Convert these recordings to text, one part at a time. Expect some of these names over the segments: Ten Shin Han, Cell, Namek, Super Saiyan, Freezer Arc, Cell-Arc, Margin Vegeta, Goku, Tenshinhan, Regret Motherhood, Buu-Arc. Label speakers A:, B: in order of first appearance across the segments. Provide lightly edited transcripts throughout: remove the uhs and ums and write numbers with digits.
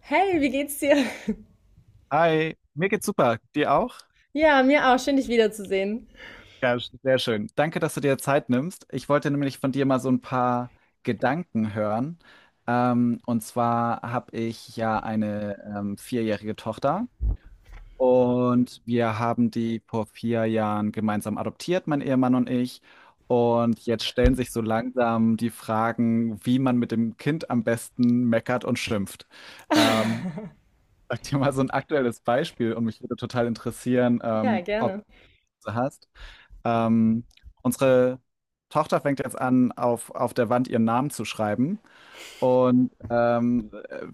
A: Hey, wie geht's dir?
B: Hi, mir geht's super. Dir auch?
A: Ja, mir auch. Schön, dich wiederzusehen.
B: Ja, sehr schön. Danke, dass du dir Zeit nimmst. Ich wollte nämlich von dir mal so ein paar Gedanken hören. Und zwar habe ich ja eine vierjährige Tochter und wir haben die vor vier Jahren gemeinsam adoptiert, mein Ehemann und ich. Und jetzt stellen sich so langsam die Fragen, wie man mit dem Kind am besten meckert und schimpft. Ähm, Sag dir mal so ein aktuelles Beispiel und mich würde total interessieren,
A: Ja, gerne.
B: ob du hast. Ähm, Unsere Tochter fängt jetzt an, auf der Wand ihren Namen zu schreiben. Und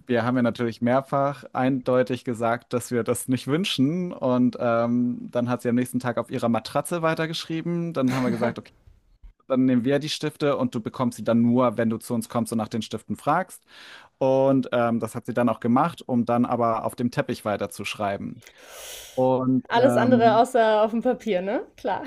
B: wir haben ja natürlich mehrfach eindeutig gesagt, dass wir das nicht wünschen. Und dann hat sie am nächsten Tag auf ihrer Matratze weitergeschrieben. Dann haben wir gesagt, okay, dann nehmen wir die Stifte und du bekommst sie dann nur, wenn du zu uns kommst und nach den Stiften fragst. Und das hat sie dann auch gemacht, um dann aber auf dem Teppich weiterzuschreiben. Und
A: Alles andere außer auf dem Papier, ne? Klar.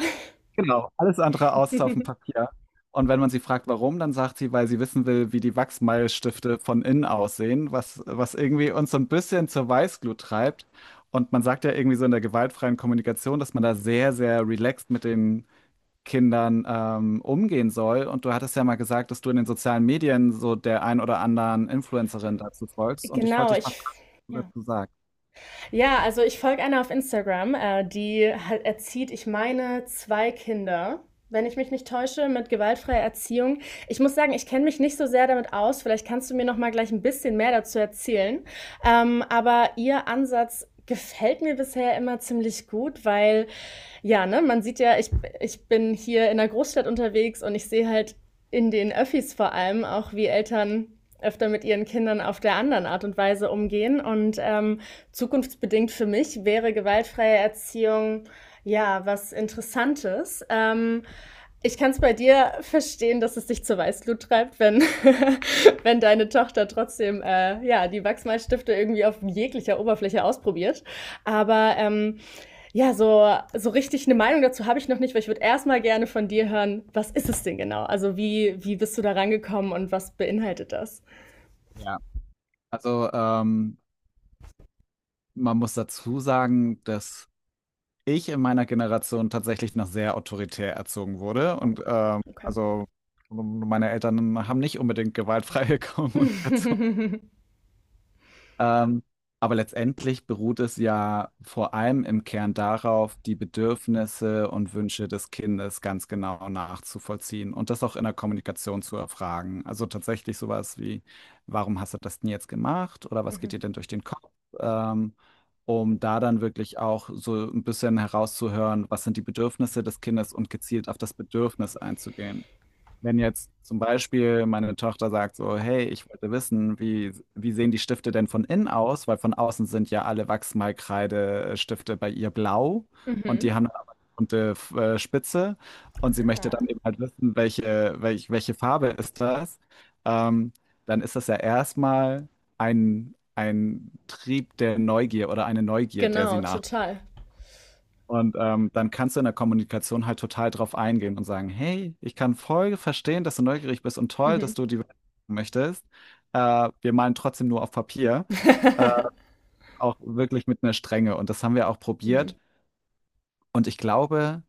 B: genau, alles andere außer auf dem Papier. Und wenn man sie fragt, warum, dann sagt sie, weil sie wissen will, wie die Wachsmalstifte von innen aussehen, was, was irgendwie uns so ein bisschen zur Weißglut treibt. Und man sagt ja irgendwie so in der gewaltfreien Kommunikation, dass man da sehr, sehr relaxed mit den Kindern umgehen soll. Und du hattest ja mal gesagt, dass du in den sozialen Medien so der ein oder anderen Influencerin dazu folgst. Und ich
A: Genau,
B: wollte dich mal
A: ich
B: fragen, was du
A: ja.
B: dazu sagst.
A: Ja, also ich folge einer auf Instagram, die halt erzieht, ich meine, zwei Kinder, wenn ich mich nicht täusche, mit gewaltfreier Erziehung. Ich muss sagen, ich kenne mich nicht so sehr damit aus. Vielleicht kannst du mir noch mal gleich ein bisschen mehr dazu erzählen. Aber ihr Ansatz gefällt mir bisher immer ziemlich gut, weil ja, ne, man sieht ja, ich bin hier in der Großstadt unterwegs und ich sehe halt in den Öffis vor allem auch, wie Eltern öfter mit ihren Kindern auf der anderen Art und Weise umgehen. Und zukunftsbedingt für mich wäre gewaltfreie Erziehung ja was Interessantes. Ich kann es bei dir verstehen, dass es dich zur Weißglut treibt, wenn, wenn deine Tochter trotzdem ja, die Wachsmalstifte irgendwie auf jeglicher Oberfläche ausprobiert. Aber ja, so richtig eine Meinung dazu habe ich noch nicht, weil ich würde erstmal gerne von dir hören, was ist es denn genau? Also wie bist du da rangekommen und was beinhaltet das?
B: Ja. Also man muss dazu sagen, dass ich in meiner Generation tatsächlich noch sehr autoritär erzogen wurde. Und
A: Okay.
B: also meine Eltern haben nicht unbedingt gewaltfreie Kommunikation
A: Mhm.
B: ähm, aber letztendlich beruht es ja vor allem im Kern darauf, die Bedürfnisse und Wünsche des Kindes ganz genau nachzuvollziehen und das auch in der Kommunikation zu erfragen. Also tatsächlich sowas wie, warum hast du das denn jetzt gemacht oder was geht dir denn durch den Kopf? Ähm, Um da dann wirklich auch so ein bisschen herauszuhören, was sind die Bedürfnisse des Kindes und gezielt auf das Bedürfnis einzugehen. Wenn jetzt zum Beispiel meine Tochter sagt so, hey, ich wollte wissen, wie, wie sehen die Stifte denn von innen aus? Weil von außen sind ja alle Wachsmalkreidestifte bei ihr blau und die
A: Mhm.
B: haben dann aber eine bunte Spitze und sie möchte dann eben halt wissen, welche, welche Farbe ist das? Ähm, Dann ist das ja erstmal ein Trieb der Neugier oder eine Neugier, der sie
A: Genau,
B: nach
A: total.
B: und dann kannst du in der Kommunikation halt total drauf eingehen und sagen, hey, ich kann voll verstehen, dass du neugierig bist und toll,
A: Mhm.
B: dass du die Welt entdecken möchtest. Wir malen trotzdem nur auf Papier, äh, auch wirklich mit einer Strenge. Und das haben wir auch
A: Mhm.
B: probiert. Und ich glaube,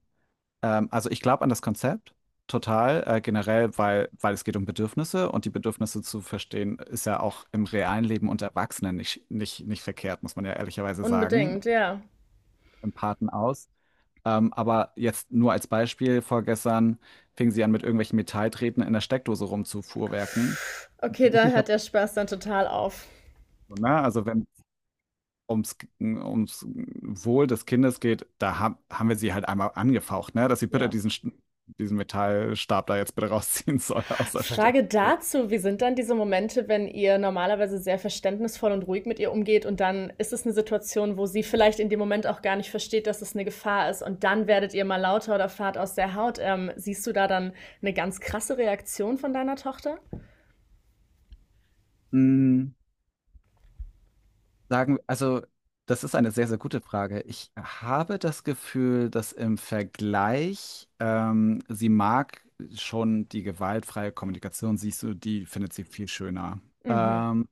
B: also ich glaube an das Konzept total, generell, weil, weil es geht um Bedürfnisse und die Bedürfnisse zu verstehen, ist ja auch im realen Leben unter Erwachsenen nicht verkehrt, muss man ja ehrlicherweise sagen,
A: Unbedingt, ja.
B: im Paten aus. Aber jetzt nur als Beispiel, vorgestern fingen sie an, mit irgendwelchen Metalltreten in der Steckdose rumzufuhrwerken.
A: Okay,
B: Muss
A: da
B: ich das,
A: hört der Spaß dann total auf.
B: so, ne? Also wenn es ums Wohl des Kindes geht, da ha haben wir sie halt einmal angefaucht, ne? Dass sie bitte
A: Ja.
B: diesen, diesen Metallstab da jetzt bitte rausziehen soll aus der Steckdose.
A: Frage dazu, wie sind dann diese Momente, wenn ihr normalerweise sehr verständnisvoll und ruhig mit ihr umgeht und dann ist es eine Situation, wo sie vielleicht in dem Moment auch gar nicht versteht, dass es eine Gefahr ist und dann werdet ihr mal lauter oder fahrt aus der Haut. Siehst du da dann eine ganz krasse Reaktion von deiner Tochter?
B: Sagen, also das ist eine sehr, sehr gute Frage. Ich habe das Gefühl, dass im Vergleich, sie mag schon die gewaltfreie Kommunikation, siehst du, die findet sie viel schöner.
A: Mhm.
B: Ähm,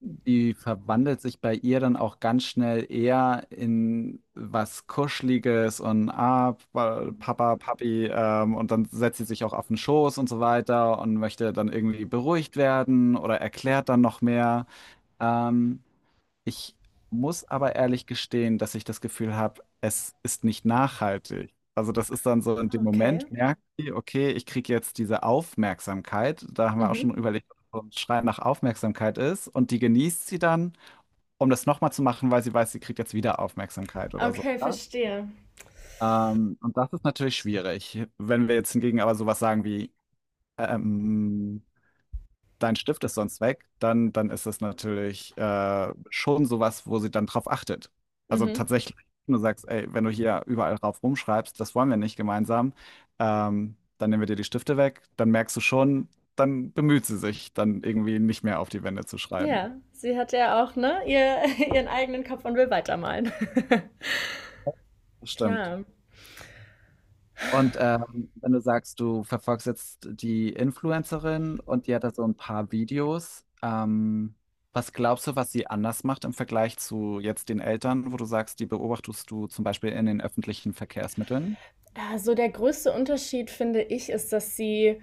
B: Die verwandelt sich bei ihr dann auch ganz schnell eher in was Kuscheliges und ah, Papa, Papi, und dann setzt sie sich auch auf den Schoß und so weiter und möchte dann irgendwie beruhigt werden oder erklärt dann noch mehr. Ähm, Ich muss aber ehrlich gestehen, dass ich das Gefühl habe, es ist nicht nachhaltig. Also das ist dann so in
A: Ah,
B: dem
A: okay.
B: Moment, merkt sie, okay, ich kriege jetzt diese Aufmerksamkeit. Da haben wir auch
A: Mhm.
B: schon überlegt, ob so ein Schrei nach Aufmerksamkeit ist. Und die genießt sie dann, um das nochmal zu machen, weil sie weiß, sie kriegt jetzt wieder Aufmerksamkeit oder so.
A: Okay,
B: Ne?
A: verstehe.
B: Und das ist natürlich schwierig. Wenn wir jetzt hingegen aber sowas sagen wie, ähm, dein Stift ist sonst weg, dann ist es natürlich schon sowas, wo sie dann drauf achtet. Also
A: Mhm.
B: tatsächlich, wenn du sagst, ey, wenn du hier überall drauf rumschreibst, das wollen wir nicht gemeinsam, dann nehmen wir dir die Stifte weg, dann merkst du schon, dann bemüht sie sich, dann irgendwie nicht mehr auf die Wände zu schreiben.
A: Ja, sie hat ja auch, ne, ihr, ihren eigenen Kopf und will weitermalen.
B: Das stimmt.
A: Klar.
B: Und wenn du sagst, du verfolgst jetzt die Influencerin und die hat da so ein paar Videos, was glaubst du, was sie anders macht im Vergleich zu jetzt den Eltern, wo du sagst, die beobachtest du zum Beispiel in den öffentlichen Verkehrsmitteln?
A: Also der größte Unterschied, finde ich, ist, dass sie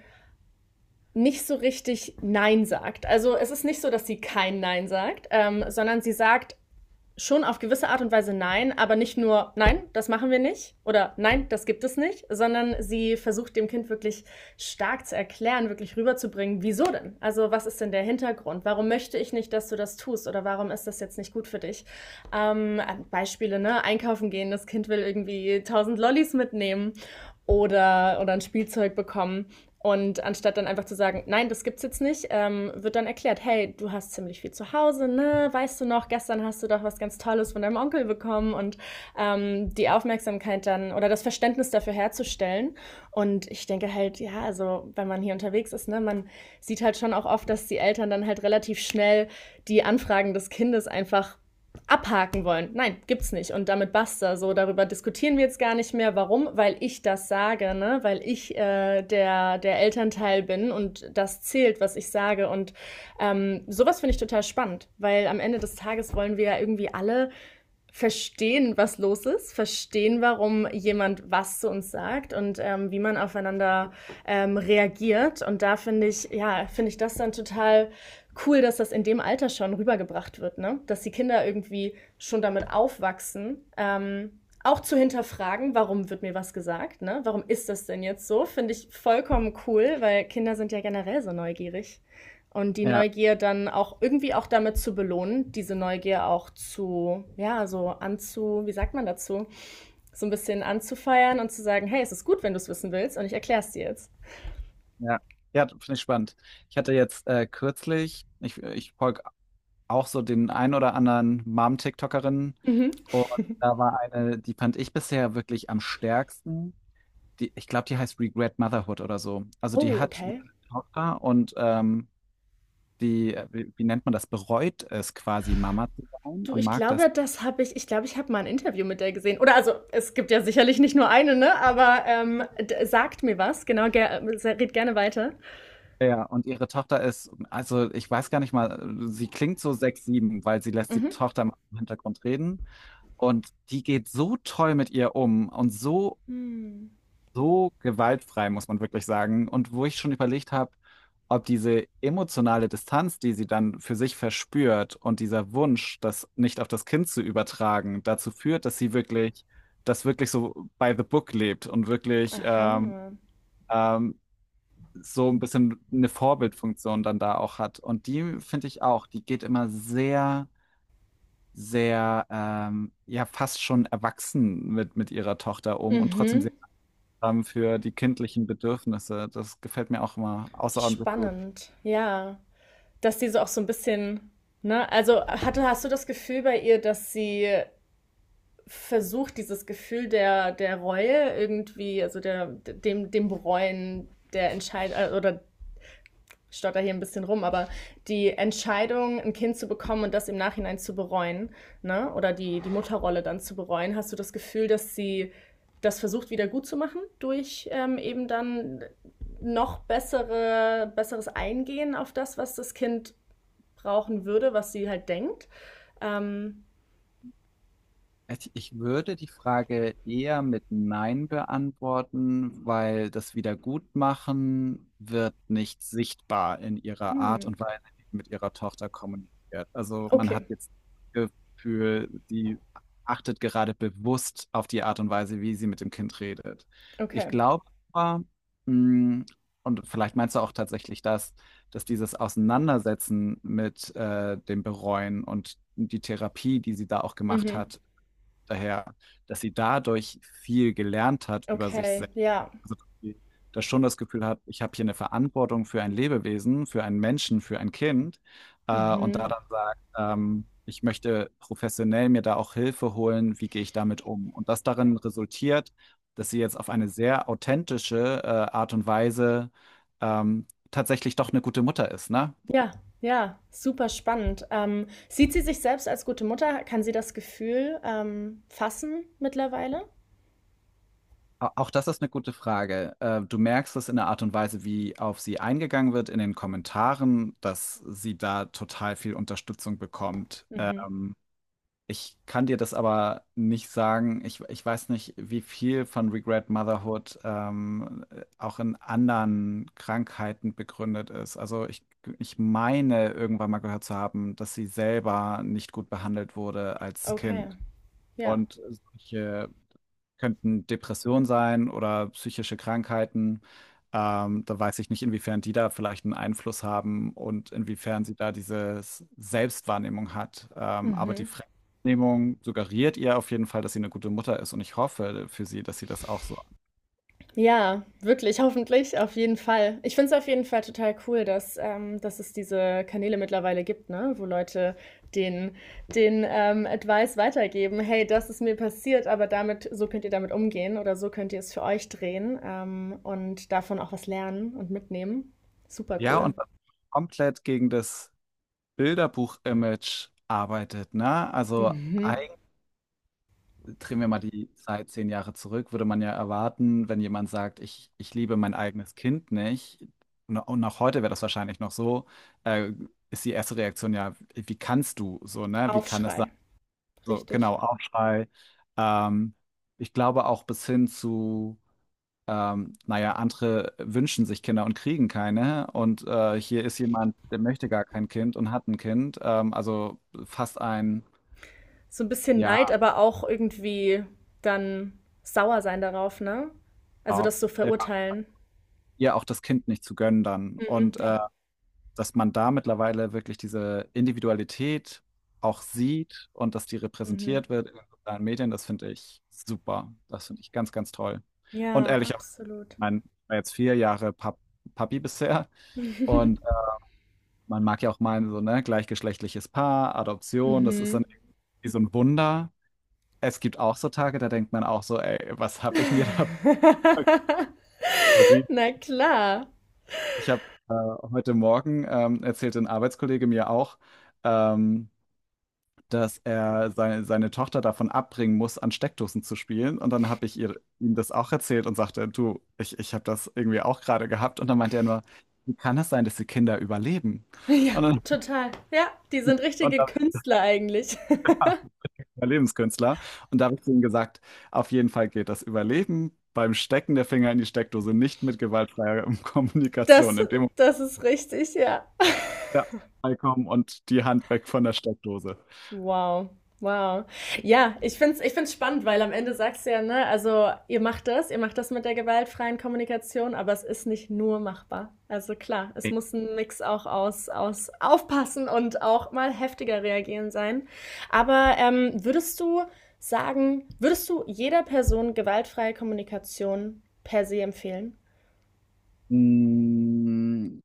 A: nicht so richtig Nein sagt. Also es ist nicht so, dass sie kein Nein sagt, sondern sie sagt schon auf gewisse Art und Weise Nein, aber nicht nur Nein, das machen wir nicht oder Nein, das gibt es nicht, sondern sie versucht dem Kind wirklich stark zu erklären, wirklich rüberzubringen, wieso denn? Also was ist denn der Hintergrund? Warum möchte ich nicht, dass du das tust oder warum ist das jetzt nicht gut für dich? Ähm, Beispiele, ne? Einkaufen gehen, das Kind will irgendwie tausend Lollis mitnehmen oder ein Spielzeug bekommen. Und anstatt dann einfach zu sagen, nein, das gibt's jetzt nicht, wird dann erklärt, hey, du hast ziemlich viel zu Hause, ne? Weißt du noch, gestern hast du doch was ganz Tolles von deinem Onkel bekommen und die Aufmerksamkeit dann oder das Verständnis dafür herzustellen. Und ich denke halt, ja, also wenn man hier unterwegs ist, ne, man sieht halt schon auch oft, dass die Eltern dann halt relativ schnell die Anfragen des Kindes einfach abhaken wollen. Nein, gibt's nicht. Und damit basta. So, darüber diskutieren wir jetzt gar nicht mehr. Warum? Weil ich das sage, ne? Weil ich der Elternteil bin und das zählt, was ich sage. Und sowas finde ich total spannend, weil am Ende des Tages wollen wir ja irgendwie alle verstehen, was los ist, verstehen, warum jemand was zu uns sagt und wie man aufeinander reagiert. Und da finde ich, ja, finde ich das dann total cool, dass das in dem Alter schon rübergebracht wird, ne? Dass die Kinder irgendwie schon damit aufwachsen. Auch zu hinterfragen, warum wird mir was gesagt, ne? Warum ist das denn jetzt so? Finde ich vollkommen cool, weil Kinder sind ja generell so neugierig. Und die
B: Ja,
A: Neugier dann auch irgendwie auch damit zu belohnen, diese Neugier auch zu, ja, wie sagt man dazu? So ein bisschen anzufeiern und zu sagen, hey, es ist gut, wenn du es wissen willst und ich erkläre es dir jetzt.
B: ja. Ja, finde ich spannend. Ich hatte jetzt kürzlich, ich folge auch so den ein oder anderen Mom-TikTokerin
A: Mhm.
B: und da war eine, die fand ich bisher wirklich am stärksten. Die, ich glaube, die heißt Regret Motherhood oder so. Also die
A: Oh,
B: hat eine
A: okay.
B: Tochter und die, wie, wie nennt man das, bereut es quasi, Mama zu sein
A: Du,
B: und
A: ich
B: mag das.
A: glaube, ich glaube, ich habe mal ein Interview mit der gesehen. Oder also, es gibt ja sicherlich nicht nur eine, ne? Aber sagt mir was, genau, gerne weiter.
B: Ja, und ihre Tochter ist, also ich weiß gar nicht mal, sie klingt so sechs, sieben, weil sie lässt die
A: Mhm.
B: Tochter im Hintergrund reden. Und die geht so toll mit ihr um und so
A: Hm.
B: so gewaltfrei, muss man wirklich sagen. Und wo ich schon überlegt habe, ob diese emotionale Distanz, die sie dann für sich verspürt und dieser Wunsch, das nicht auf das Kind zu übertragen, dazu führt, dass sie wirklich, das wirklich so by the book lebt und wirklich
A: Aha.
B: ähm, so ein bisschen eine Vorbildfunktion dann da auch hat. Und die finde ich auch, die geht immer sehr sehr ja fast schon erwachsen mit ihrer Tochter um und trotzdem
A: Mhm.
B: sehr haben für die kindlichen Bedürfnisse. Das gefällt mir auch immer außerordentlich gut.
A: Spannend. Ja. Dass die so auch so ein bisschen, ne, also hast du das Gefühl bei ihr, dass sie versucht, dieses Gefühl der Reue irgendwie, also dem Bereuen der Entscheidung, oder stotter hier ein bisschen rum, aber die Entscheidung, ein Kind zu bekommen und das im Nachhinein zu bereuen, ne, oder die Mutterrolle dann zu bereuen, hast du das Gefühl, dass sie das versucht wieder gut zu machen durch eben dann noch besseres Eingehen auf das, was das Kind brauchen würde, was sie halt denkt. Ähm,
B: Ich würde die Frage eher mit Nein beantworten, weil das Wiedergutmachen wird nicht sichtbar in ihrer Art
A: hm,
B: und Weise, wie sie mit ihrer Tochter kommuniziert. Also man hat
A: okay,
B: jetzt das Gefühl, sie achtet gerade bewusst auf die Art und Weise, wie sie mit dem Kind redet. Ich
A: okay.
B: glaube aber, mh, und vielleicht meinst du auch tatsächlich das, dass dieses Auseinandersetzen mit dem Bereuen und die Therapie, die sie da auch gemacht
A: Mhm.
B: hat, daher, dass sie dadurch viel gelernt hat über sich
A: Okay,
B: selbst.
A: ja.
B: Also, dass sie das schon das Gefühl hat, ich habe hier eine Verantwortung für ein Lebewesen, für einen Menschen, für ein Kind. Und da
A: Mhm.
B: dann sagt, ich möchte professionell mir da auch Hilfe holen, wie gehe ich damit um? Und das darin resultiert, dass sie jetzt auf eine sehr authentische, Art und Weise, tatsächlich doch eine gute Mutter ist, ne?
A: Ja, ja, super spannend. Sieht sie sich selbst als gute Mutter? Kann sie das Gefühl fassen mittlerweile?
B: Auch das ist eine gute Frage. Du merkst es in der Art und Weise, wie auf sie eingegangen wird in den Kommentaren, dass sie da total viel Unterstützung bekommt.
A: Mhm.
B: Ich kann dir das aber nicht sagen. Ich weiß nicht, wie viel von Regret Motherhood auch in anderen Krankheiten begründet ist. Ich meine, irgendwann mal gehört zu haben, dass sie selber nicht gut behandelt wurde als
A: Okay,
B: Kind.
A: ja.
B: Und solche könnten Depressionen sein oder psychische Krankheiten. Da weiß ich nicht, inwiefern die da vielleicht einen Einfluss haben und inwiefern sie da diese Selbstwahrnehmung hat. Aber die
A: Mhm.
B: Fremdwahrnehmung suggeriert ihr auf jeden Fall, dass sie eine gute Mutter ist und ich hoffe für sie, dass sie das auch so.
A: Ja, wirklich, hoffentlich, auf jeden Fall. Ich finde es auf jeden Fall total cool, dass es diese Kanäle mittlerweile gibt, ne? Wo Leute den, den Advice weitergeben, hey, das ist mir passiert, aber damit, so könnt ihr damit umgehen oder so könnt ihr es für euch drehen und davon auch was lernen und mitnehmen. Super
B: Ja,
A: cool.
B: und dann komplett gegen das Bilderbuch-Image arbeitet, ne? Also
A: Mhm.
B: drehen wir mal die Zeit zehn Jahre zurück, würde man ja erwarten, wenn jemand sagt, ich liebe mein eigenes Kind nicht, und auch heute wäre das wahrscheinlich noch so, äh, ist die erste Reaktion ja, wie kannst du so, ne? Wie kann es sein?
A: Aufschrei,
B: So,
A: richtig.
B: genau, Aufschrei. Ähm, Ich glaube auch bis hin zu, naja, andere wünschen sich Kinder und kriegen keine. Und hier ist jemand, der möchte gar kein Kind und hat ein Kind. Also fast ein,
A: So ein bisschen
B: ja,
A: Neid, aber auch irgendwie dann sauer sein darauf, ne? Also das so verurteilen.
B: ihr auch das Kind nicht zu gönnen dann.
A: Mhm.
B: Und
A: Ja.
B: dass man da mittlerweile wirklich diese Individualität auch sieht und dass die
A: Mhm.
B: repräsentiert wird in den sozialen Medien, das finde ich super. Das finde ich ganz, ganz toll. Und
A: Ja,
B: ehrlich, auch, ich
A: absolut.
B: mein, ich war jetzt vier Jahre Papi bisher und man mag ja auch meinen, so, ne, gleichgeschlechtliches Paar, Adoption, das ist dann
A: Mhm.
B: irgendwie so ein Wunder. Es gibt auch so Tage, da denkt man auch so, ey, was habe ich mir da
A: Na klar.
B: Ich habe äh, heute Morgen erzählte ein Arbeitskollege mir auch, ähm, dass er seine, seine Tochter davon abbringen muss, an Steckdosen zu spielen. Und dann ihm das auch erzählt und sagte, du, ich habe das irgendwie auch gerade gehabt. Und dann meinte er nur, wie kann das sein, dass die Kinder überleben?
A: Ja,
B: Und dann,
A: total. Ja, die sind
B: und
A: richtige
B: da bin
A: Künstler eigentlich.
B: ich Überlebenskünstler. Und da habe ich ihm gesagt, auf jeden Fall geht das Überleben beim Stecken der Finger in die Steckdose nicht mit gewaltfreier Kommunikation.
A: Das,
B: In dem Moment,
A: das ist richtig, ja.
B: ja, kommen und die Hand weg von der Steckdose.
A: Wow, wow. Ja, ich finde es ich find's spannend, weil am Ende sagst du ja, ne, also ihr macht das mit der gewaltfreien Kommunikation, aber es ist nicht nur machbar. Also klar, es muss ein Mix auch aus aufpassen und auch mal heftiger reagieren sein. Aber würdest du jeder Person gewaltfreie Kommunikation per se empfehlen?
B: Mm,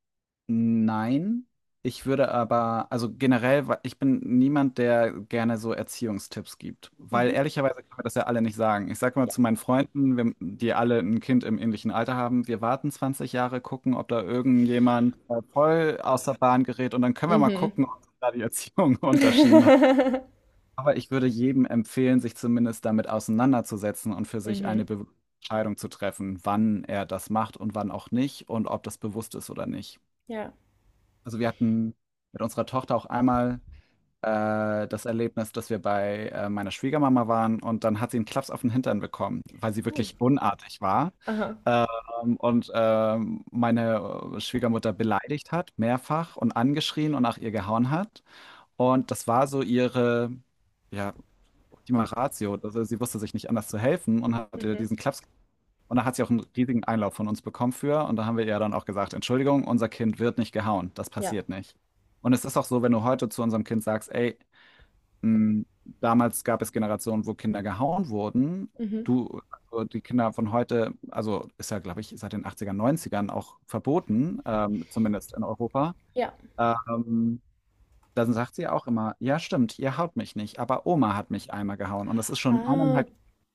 B: Nein, ich würde aber, also generell, ich bin niemand, der gerne so Erziehungstipps gibt, weil
A: Mhm.
B: ehrlicherweise können wir das ja alle nicht sagen. Ich sage mal
A: Ja.
B: zu meinen Freunden, wir, die alle ein Kind im ähnlichen Alter haben, wir warten 20 Jahre, gucken, ob da irgendjemand voll aus der Bahn gerät und dann können wir mal
A: Mhm.
B: gucken, ob da die Erziehung Unterschieden aber ich würde jedem empfehlen, sich zumindest damit auseinanderzusetzen und für sich eine
A: Mhm.
B: Be Entscheidung zu treffen, wann er das macht und wann auch nicht und ob das bewusst ist oder nicht.
A: Ja.
B: Also wir hatten mit unserer Tochter auch einmal das Erlebnis, dass wir bei meiner Schwiegermama waren und dann hat sie einen Klaps auf den Hintern bekommen, weil sie
A: Oh.
B: wirklich unartig war.
A: Aha.
B: Und meine Schwiegermutter beleidigt hat, mehrfach und angeschrien und nach ihr gehauen hat. Und das war so ihre, ja, die Ratio. Also sie wusste sich nicht anders zu helfen und hat ihr
A: Mhm.
B: diesen Klaps. Und da hat sie auch einen riesigen Einlauf von uns bekommen für. Und da haben wir ihr dann auch gesagt, Entschuldigung, unser Kind wird nicht gehauen. Das
A: Ja.
B: passiert nicht. Und es ist auch so, wenn du heute zu unserem Kind sagst, ey, mh, damals gab es Generationen, wo Kinder gehauen wurden.
A: Mhm.
B: Du, also die Kinder von heute, also ist ja, glaube ich, seit den 80ern, 90ern auch verboten, zumindest in Europa.
A: Ja.
B: Ähm, Dann sagt sie auch immer, ja stimmt, ihr haut mich nicht, aber Oma hat mich einmal gehauen. Und das ist schon
A: Ah,
B: eineinhalb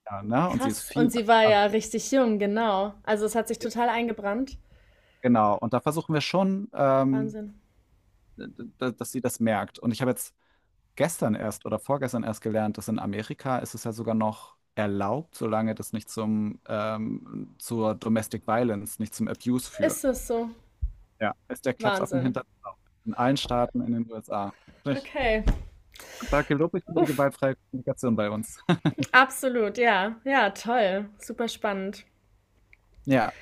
B: ja, ne? Und sie ist
A: krass.
B: viel.
A: Und sie war
B: Also,
A: ja richtig jung, genau. Also es hat sich
B: ja,
A: total eingebrannt.
B: genau. Und da versuchen wir schon,
A: Wahnsinn.
B: d- dass sie das merkt. Und ich habe jetzt gestern erst oder vorgestern erst gelernt, dass in Amerika ist es ja sogar noch erlaubt, solange das nicht zum zur Domestic Violence, nicht zum Abuse
A: Ist
B: führt.
A: es so?
B: Ja, ist der Klapsaffen
A: Wahnsinn.
B: hinter in allen Staaten in den USA. Ich,
A: Okay.
B: da gelobe ich mir die
A: Uff,
B: gewaltfreie Kommunikation bei uns.
A: absolut, ja. Ja, toll. Super spannend.
B: Ja,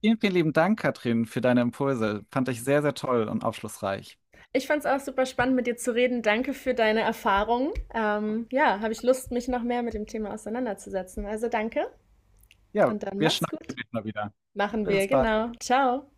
B: vielen lieben Dank, Katrin, für deine Impulse. Fand ich sehr, sehr toll und aufschlussreich.
A: Ich fand es auch super spannend, mit dir zu reden. Danke für deine Erfahrung. Ja, habe ich Lust, mich noch mehr mit dem Thema auseinanderzusetzen. Also danke
B: Ja,
A: und dann
B: wir
A: mach's
B: schnacken
A: gut.
B: demnächst mal wieder.
A: Machen wir,
B: Bis bald.
A: genau. Ciao.